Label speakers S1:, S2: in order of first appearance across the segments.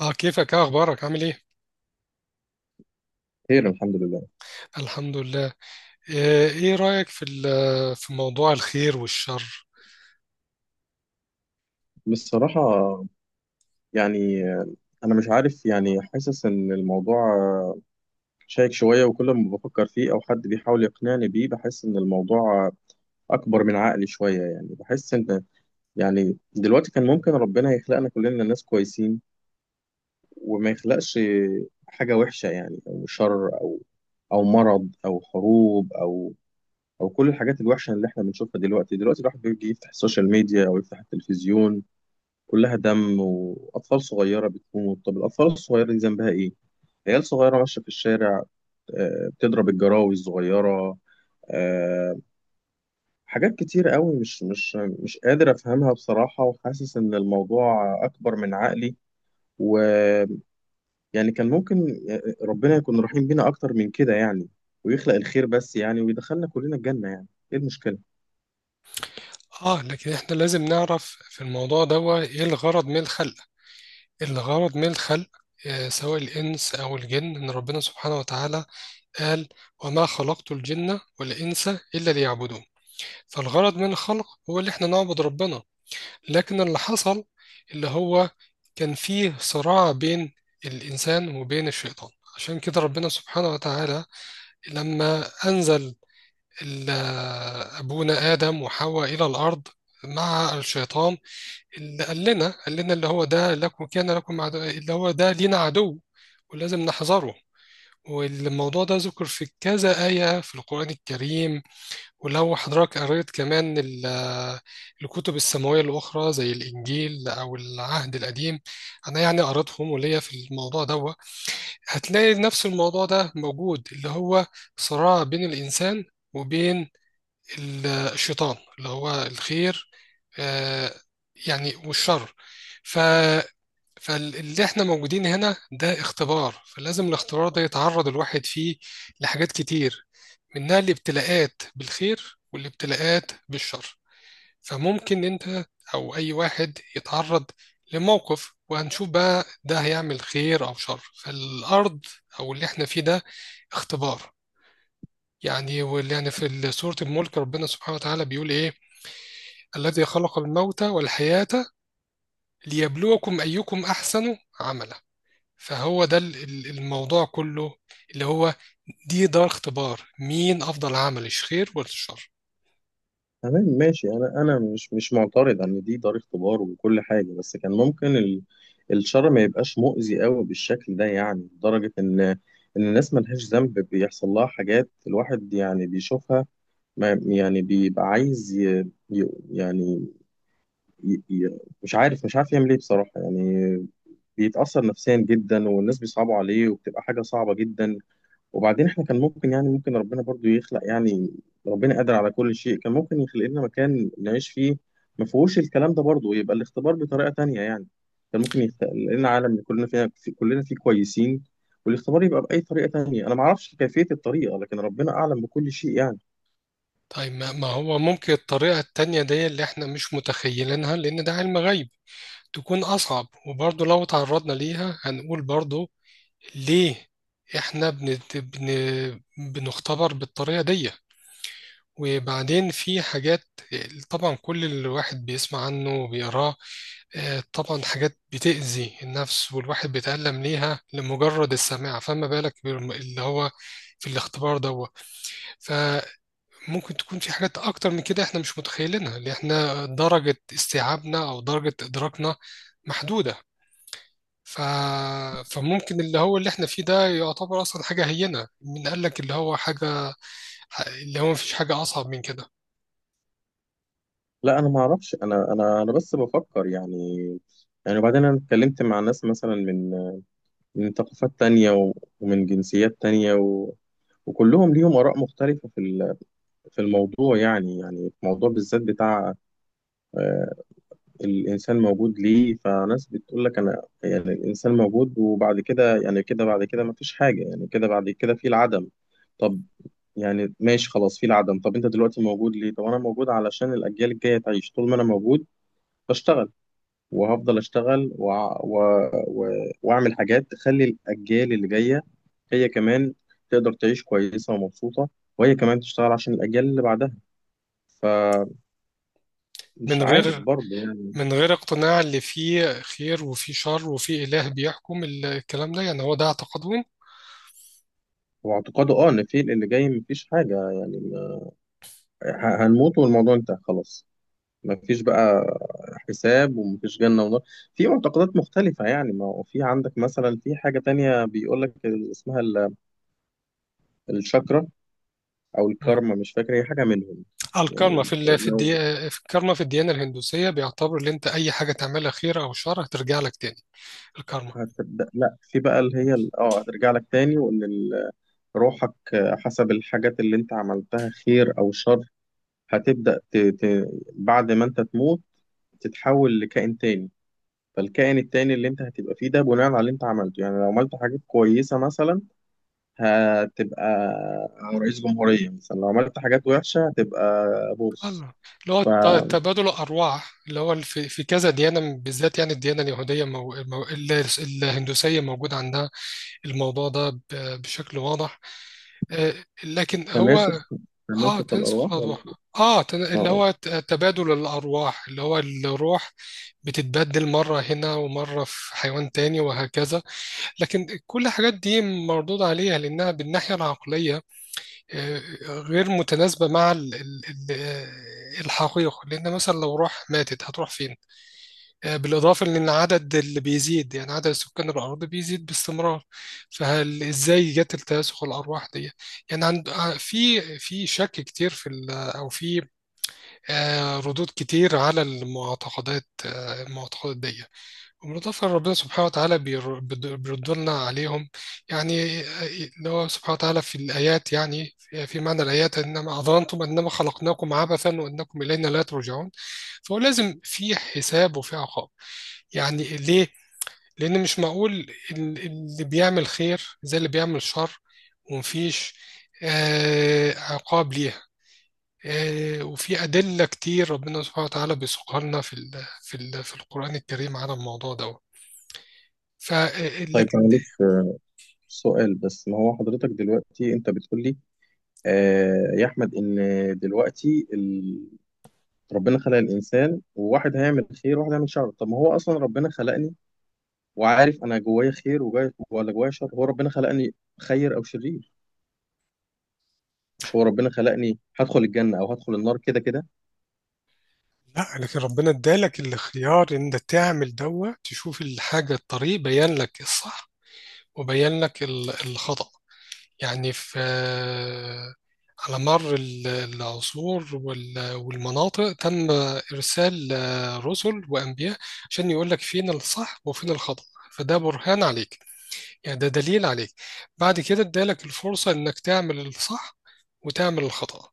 S1: اه كيفك؟ اه اخبارك؟ عامل ايه؟
S2: خير، الحمد لله.
S1: الحمد لله. ايه رأيك في موضوع الخير والشر؟
S2: بصراحة، يعني أنا مش عارف، يعني حاسس إن الموضوع شائك شوية، وكل ما بفكر فيه أو حد بيحاول يقنعني بيه بحس إن الموضوع أكبر من عقلي شوية. يعني بحس إن، يعني دلوقتي كان ممكن ربنا يخلقنا كلنا ناس كويسين، وما يخلقش حاجة وحشة، يعني أو شر أو مرض أو حروب أو كل الحاجات الوحشة اللي إحنا بنشوفها دلوقتي. الواحد بيجي يفتح السوشيال ميديا أو يفتح التلفزيون، كلها دم وأطفال صغيرة بتموت. طب الأطفال الصغيرة دي ذنبها إيه؟ عيال صغيرة ماشية في الشارع، بتضرب الجراوي الصغيرة. آه، حاجات كتير قوي مش قادر أفهمها بصراحة، وحاسس إن الموضوع أكبر من عقلي ويعني كان ممكن، آه، ربنا يكون رحيم بينا أكتر من كده، يعني ويخلق الخير بس، يعني ويدخلنا كلنا الجنة. يعني إيه المشكلة؟
S1: اه لكن احنا لازم نعرف في الموضوع ده ايه الغرض من الخلق. الغرض من الخلق سواء الإنس أو الجن، إن ربنا سبحانه وتعالى قال: وما خلقت الجن والإنس إلا ليعبدون. فالغرض من الخلق هو اللي إحنا نعبد ربنا. لكن اللي حصل، اللي هو، كان فيه صراع بين الإنسان وبين الشيطان. عشان كده ربنا سبحانه وتعالى لما أنزل ال- أبونا آدم وحواء إلى الأرض مع الشيطان، اللي قال لنا اللي هو ده لكم، كان لكم عدو، اللي هو ده لينا عدو، ولازم نحذره. والموضوع ده ذكر في كذا آية في القرآن الكريم. ولو حضرتك قريت كمان الكتب السماوية الأخرى زي الإنجيل أو العهد القديم، أنا يعني قريتهم وليا في الموضوع ده، هتلاقي نفس الموضوع ده موجود، اللي هو صراع بين الإنسان وبين الشيطان، اللي هو الخير آه، يعني والشر. ف فاللي احنا موجودين هنا ده اختبار، فلازم الاختبار ده يتعرض الواحد فيه لحاجات كتير، منها الابتلاءات بالخير والابتلاءات بالشر. فممكن انت او اي واحد يتعرض لموقف، وهنشوف بقى ده هيعمل خير او شر. فالارض او اللي احنا فيه ده اختبار. يعني واللي يعني في سورة الملك ربنا سبحانه وتعالى بيقول ايه: الذي خلق الموت والحياة ليبلوكم ايكم احسن عملا. فهو ده الموضوع كله، اللي هو دي دار اختبار، مين افضل عمل، الخير ولا الشر؟
S2: تمام ماشي. انا مش معترض ان دي دار اختبار وكل حاجه، بس كان ممكن الشر ما يبقاش مؤذي قوي بالشكل ده، يعني لدرجه ان الناس ملهاش ذنب بيحصل لها حاجات الواحد يعني بيشوفها، ما يعني بيبقى عايز يعني مش عارف يعمل ايه بصراحه. يعني بيتاثر نفسيا جدا، والناس بيصعبوا عليه وبتبقى حاجه صعبه جدا. وبعدين احنا كان ممكن، يعني ممكن ربنا برضو يخلق، يعني ربنا قادر على كل شيء، كان ممكن يخلق لنا مكان نعيش فيه ما فيهوش الكلام ده، برضو يبقى الاختبار بطريقة تانية. يعني كان ممكن يخلق لنا عالم كلنا فيه كويسين، والاختبار يبقى بأي طريقة تانية. انا ما اعرفش كيفية الطريقة، لكن ربنا اعلم بكل شيء يعني.
S1: طيب ما هو ممكن الطريقة التانية دي اللي احنا مش متخيلينها، لأن ده علم غيب، تكون أصعب، وبرضه لو تعرضنا ليها هنقول برضه ليه احنا بنختبر بالطريقة دي. وبعدين في حاجات، طبعا كل الواحد بيسمع عنه وبيقراه، طبعا حاجات بتأذي النفس والواحد بيتألم ليها لمجرد السماع، فما بالك اللي هو في الاختبار ده. ممكن تكون في حاجات أكتر من كده إحنا مش متخيلينها، اللي إحنا درجة استيعابنا أو درجة إدراكنا محدودة. ف... فممكن اللي هو اللي إحنا فيه ده يعتبر أصلا حاجة هينة. من قال لك اللي هو حاجة اللي هو مفيش حاجة أصعب من كده؟
S2: لا، ما اعرفش. انا بس بفكر يعني. يعني وبعدين انا اتكلمت مع ناس مثلا من ثقافات تانية ومن جنسيات تانية وكلهم ليهم آراء مختلفة في في الموضوع، يعني في الموضوع بالذات بتاع آه، الإنسان موجود ليه. فناس بتقول لك أنا يعني الإنسان موجود وبعد كده، يعني كده بعد كده مفيش حاجة، يعني كده بعد كده في العدم. طب يعني ماشي خلاص، في العدم. طب أنت دلوقتي موجود ليه؟ طب أنا موجود علشان الأجيال الجاية تعيش طول ما أنا موجود بشتغل، وهفضل أشتغل و... وأعمل حاجات تخلي الأجيال اللي جاية هي كمان تقدر تعيش كويسة ومبسوطة، وهي كمان تشتغل عشان الأجيال اللي بعدها. ف...
S1: من
S2: مش عارف
S1: غير
S2: برضه يعني.
S1: من غير اقتناع اللي فيه خير وفيه شر وفيه إله بيحكم الكلام ده، يعني هو ده اعتقادهم.
S2: هو اعتقاده، ان في اللي جاي مفيش حاجة، يعني هنموت والموضوع انتهى خلاص. مفيش بقى حساب ومفيش جنة ونار. في معتقدات مختلفة، يعني ما هو في عندك مثلا في حاجة تانية بيقول لك اسمها الشاكرا أو
S1: مم.
S2: الكارما، مش فاكر هي حاجة منهم.
S1: الكارما
S2: يعني لو
S1: في الكارما في الديانة الهندوسية بيعتبر اللي أنت أي حاجة تعملها خير أو شر هترجع لك تاني. الكارما.
S2: هتبدأ، لا، في بقى اللي هي هترجع لك تاني، وإن روحك حسب الحاجات اللي أنت عملتها خير أو شر هتبدأ بعد ما أنت تموت تتحول لكائن تاني. فالكائن التاني اللي انت هتبقى فيه ده بناء على اللي انت عملته، يعني لو عملت حاجات كويسة مثلا هتبقى رئيس جمهورية مثلا، لو عملت حاجات وحشة هتبقى بورس.
S1: الله. اللي هو تبادل الأرواح، اللي هو في كذا ديانة بالذات، يعني الديانة اليهودية مو... ال- الهندوسية، موجود عندها الموضوع ده بشكل واضح. آه، لكن هو
S2: فتناسخ،
S1: اه
S2: تناسخ الأرواح
S1: تنسخ
S2: ولا؟
S1: الأرواح.
S2: اه
S1: اللي
S2: آه.
S1: هو تبادل الأرواح، اللي هو الروح بتتبدل مرة هنا ومرة في حيوان تاني وهكذا. لكن كل الحاجات دي مردود عليها، لأنها بالناحية العقلية آه، غير متناسبة مع الحقيقة. لأن مثلا لو روح ماتت هتروح فين؟ بالإضافة لأن العدد اللي بيزيد، يعني عدد سكان الأرض بيزيد باستمرار، فهل إزاي جت التناسخ الأرواح دي؟ يعني في شك كتير أو في ردود كتير على المعتقدات دي. وبالإضافة ربنا سبحانه وتعالى بيردلنا عليهم. يعني اللي هو سبحانه وتعالى في الآيات، يعني في معنى الآيات: إنما أظننتم أنما خلقناكم عبثا وأنكم إلينا لا ترجعون. فهو لازم في حساب وفي عقاب. يعني ليه؟ لأن مش معقول اللي بيعمل خير زي اللي بيعمل شر ومفيش عقاب ليها. وفي أدلة كتير ربنا سبحانه وتعالى بيسوقها لنا في القرآن الكريم على الموضوع ده. ف
S2: طيب
S1: لكن.
S2: معلش، سؤال بس. ما هو حضرتك دلوقتي انت بتقول لي، آه يا احمد، ان دلوقتي ربنا خلق الانسان وواحد هيعمل خير وواحد هيعمل شر. طب ما هو اصلا ربنا خلقني وعارف انا جوايا خير ولا جوايا شر. هو ربنا خلقني خير او شرير؟ مش هو ربنا خلقني هدخل الجنه او هدخل النار كده كده؟
S1: لا، لكن ربنا ادالك الخيار ان انت تعمل دوا تشوف الحاجه، الطريق بين لك الصح وبين لك الخطأ. يعني في، على مر العصور والمناطق، تم ارسال رسل وانبياء عشان يقول لك فين الصح وفين الخطأ. فده برهان عليك، يعني ده دليل عليك. بعد كده ادالك الفرصه انك تعمل الصح وتعمل الخطأ.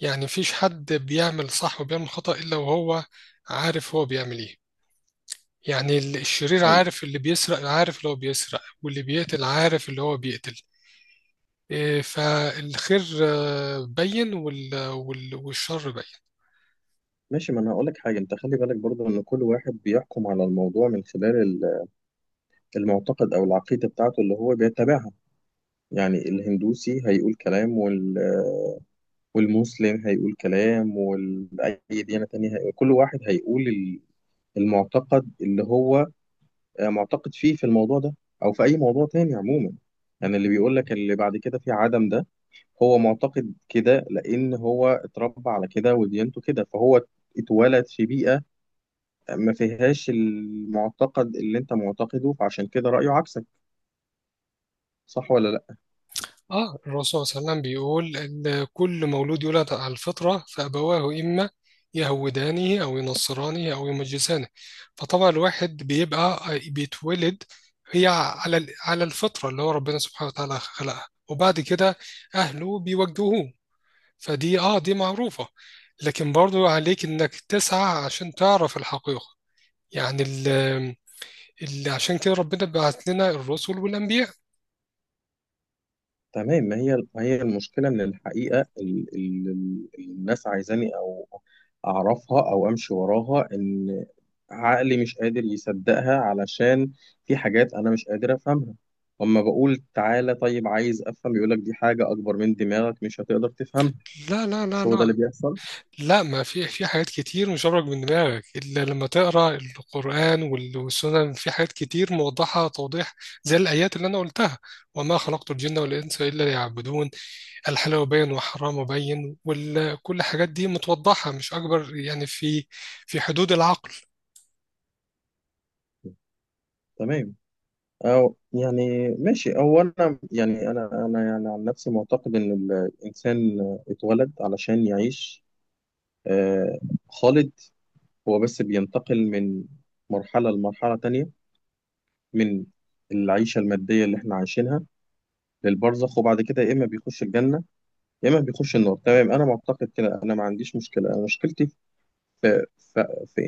S1: يعني مفيش حد بيعمل صح وبيعمل خطأ إلا وهو عارف هو بيعمل إيه. يعني الشرير
S2: طيب
S1: عارف، اللي بيسرق عارف اللي هو بيسرق، واللي بيقتل عارف اللي هو بيقتل. إيه، فالخير بين والشر بين.
S2: ماشي، ما انا هقول لك حاجه. انت خلي بالك برضو ان كل واحد بيحكم على الموضوع من خلال المعتقد او العقيده بتاعته اللي هو بيتبعها. يعني الهندوسي هيقول كلام، والمسلم هيقول كلام، واي ديانه تانية هيقول. كل واحد هيقول المعتقد اللي هو معتقد فيه في الموضوع ده او في اي موضوع تاني عموما. يعني اللي بيقول لك اللي بعد كده في عدم ده، هو معتقد كده لان هو اتربى على كده وديانته كده. فهو اتولد في بيئة ما فيهاش المعتقد اللي انت معتقده، فعشان كده رأيه عكسك. صح ولا لا؟
S1: اه الرسول صلى الله عليه وسلم بيقول ان كل مولود يولد على الفطرة، فأبواه إما يهودانه أو ينصرانه أو يمجسانه. فطبعا الواحد بيبقى بيتولد هي على على الفطرة اللي هو ربنا سبحانه وتعالى خلقها، وبعد كده أهله بيوجهوه. فدي دي معروفة. لكن برضو عليك إنك تسعى عشان تعرف الحقيقة. يعني عشان كده ربنا بعت لنا الرسل والأنبياء.
S2: تمام. ما هي المشكلة إن الحقيقة الناس عايزاني أو أعرفها أو أمشي وراها، إن عقلي مش قادر يصدقها علشان في حاجات أنا مش قادر أفهمها. أما بقول تعالى طيب عايز أفهم، يقولك دي حاجة أكبر من دماغك مش هتقدر تفهمها.
S1: لا لا لا
S2: مش هو ده اللي
S1: لا.
S2: بيحصل؟
S1: لا، ما في حاجات كتير مش هبرك من دماغك الا لما تقرا القران والسنن. في حاجات كتير موضحه توضيح، زي الايات اللي انا قلتها: وما خلقت الجن والانس الا ليعبدون، الحلال بين وحرام بين. وكل الحاجات دي متوضحه، مش اكبر يعني، في حدود العقل.
S2: تمام، أو يعني ماشي. هو أنا، يعني أنا يعني عن نفسي معتقد إن الإنسان اتولد علشان يعيش آه، خالد. هو بس بينتقل من مرحلة لمرحلة تانية، من العيشة المادية اللي احنا عايشينها للبرزخ، وبعد كده يا إما بيخش الجنة يا إما بيخش النار. تمام. أنا معتقد كده، أنا ما عنديش مشكلة. أنا مشكلتي في, في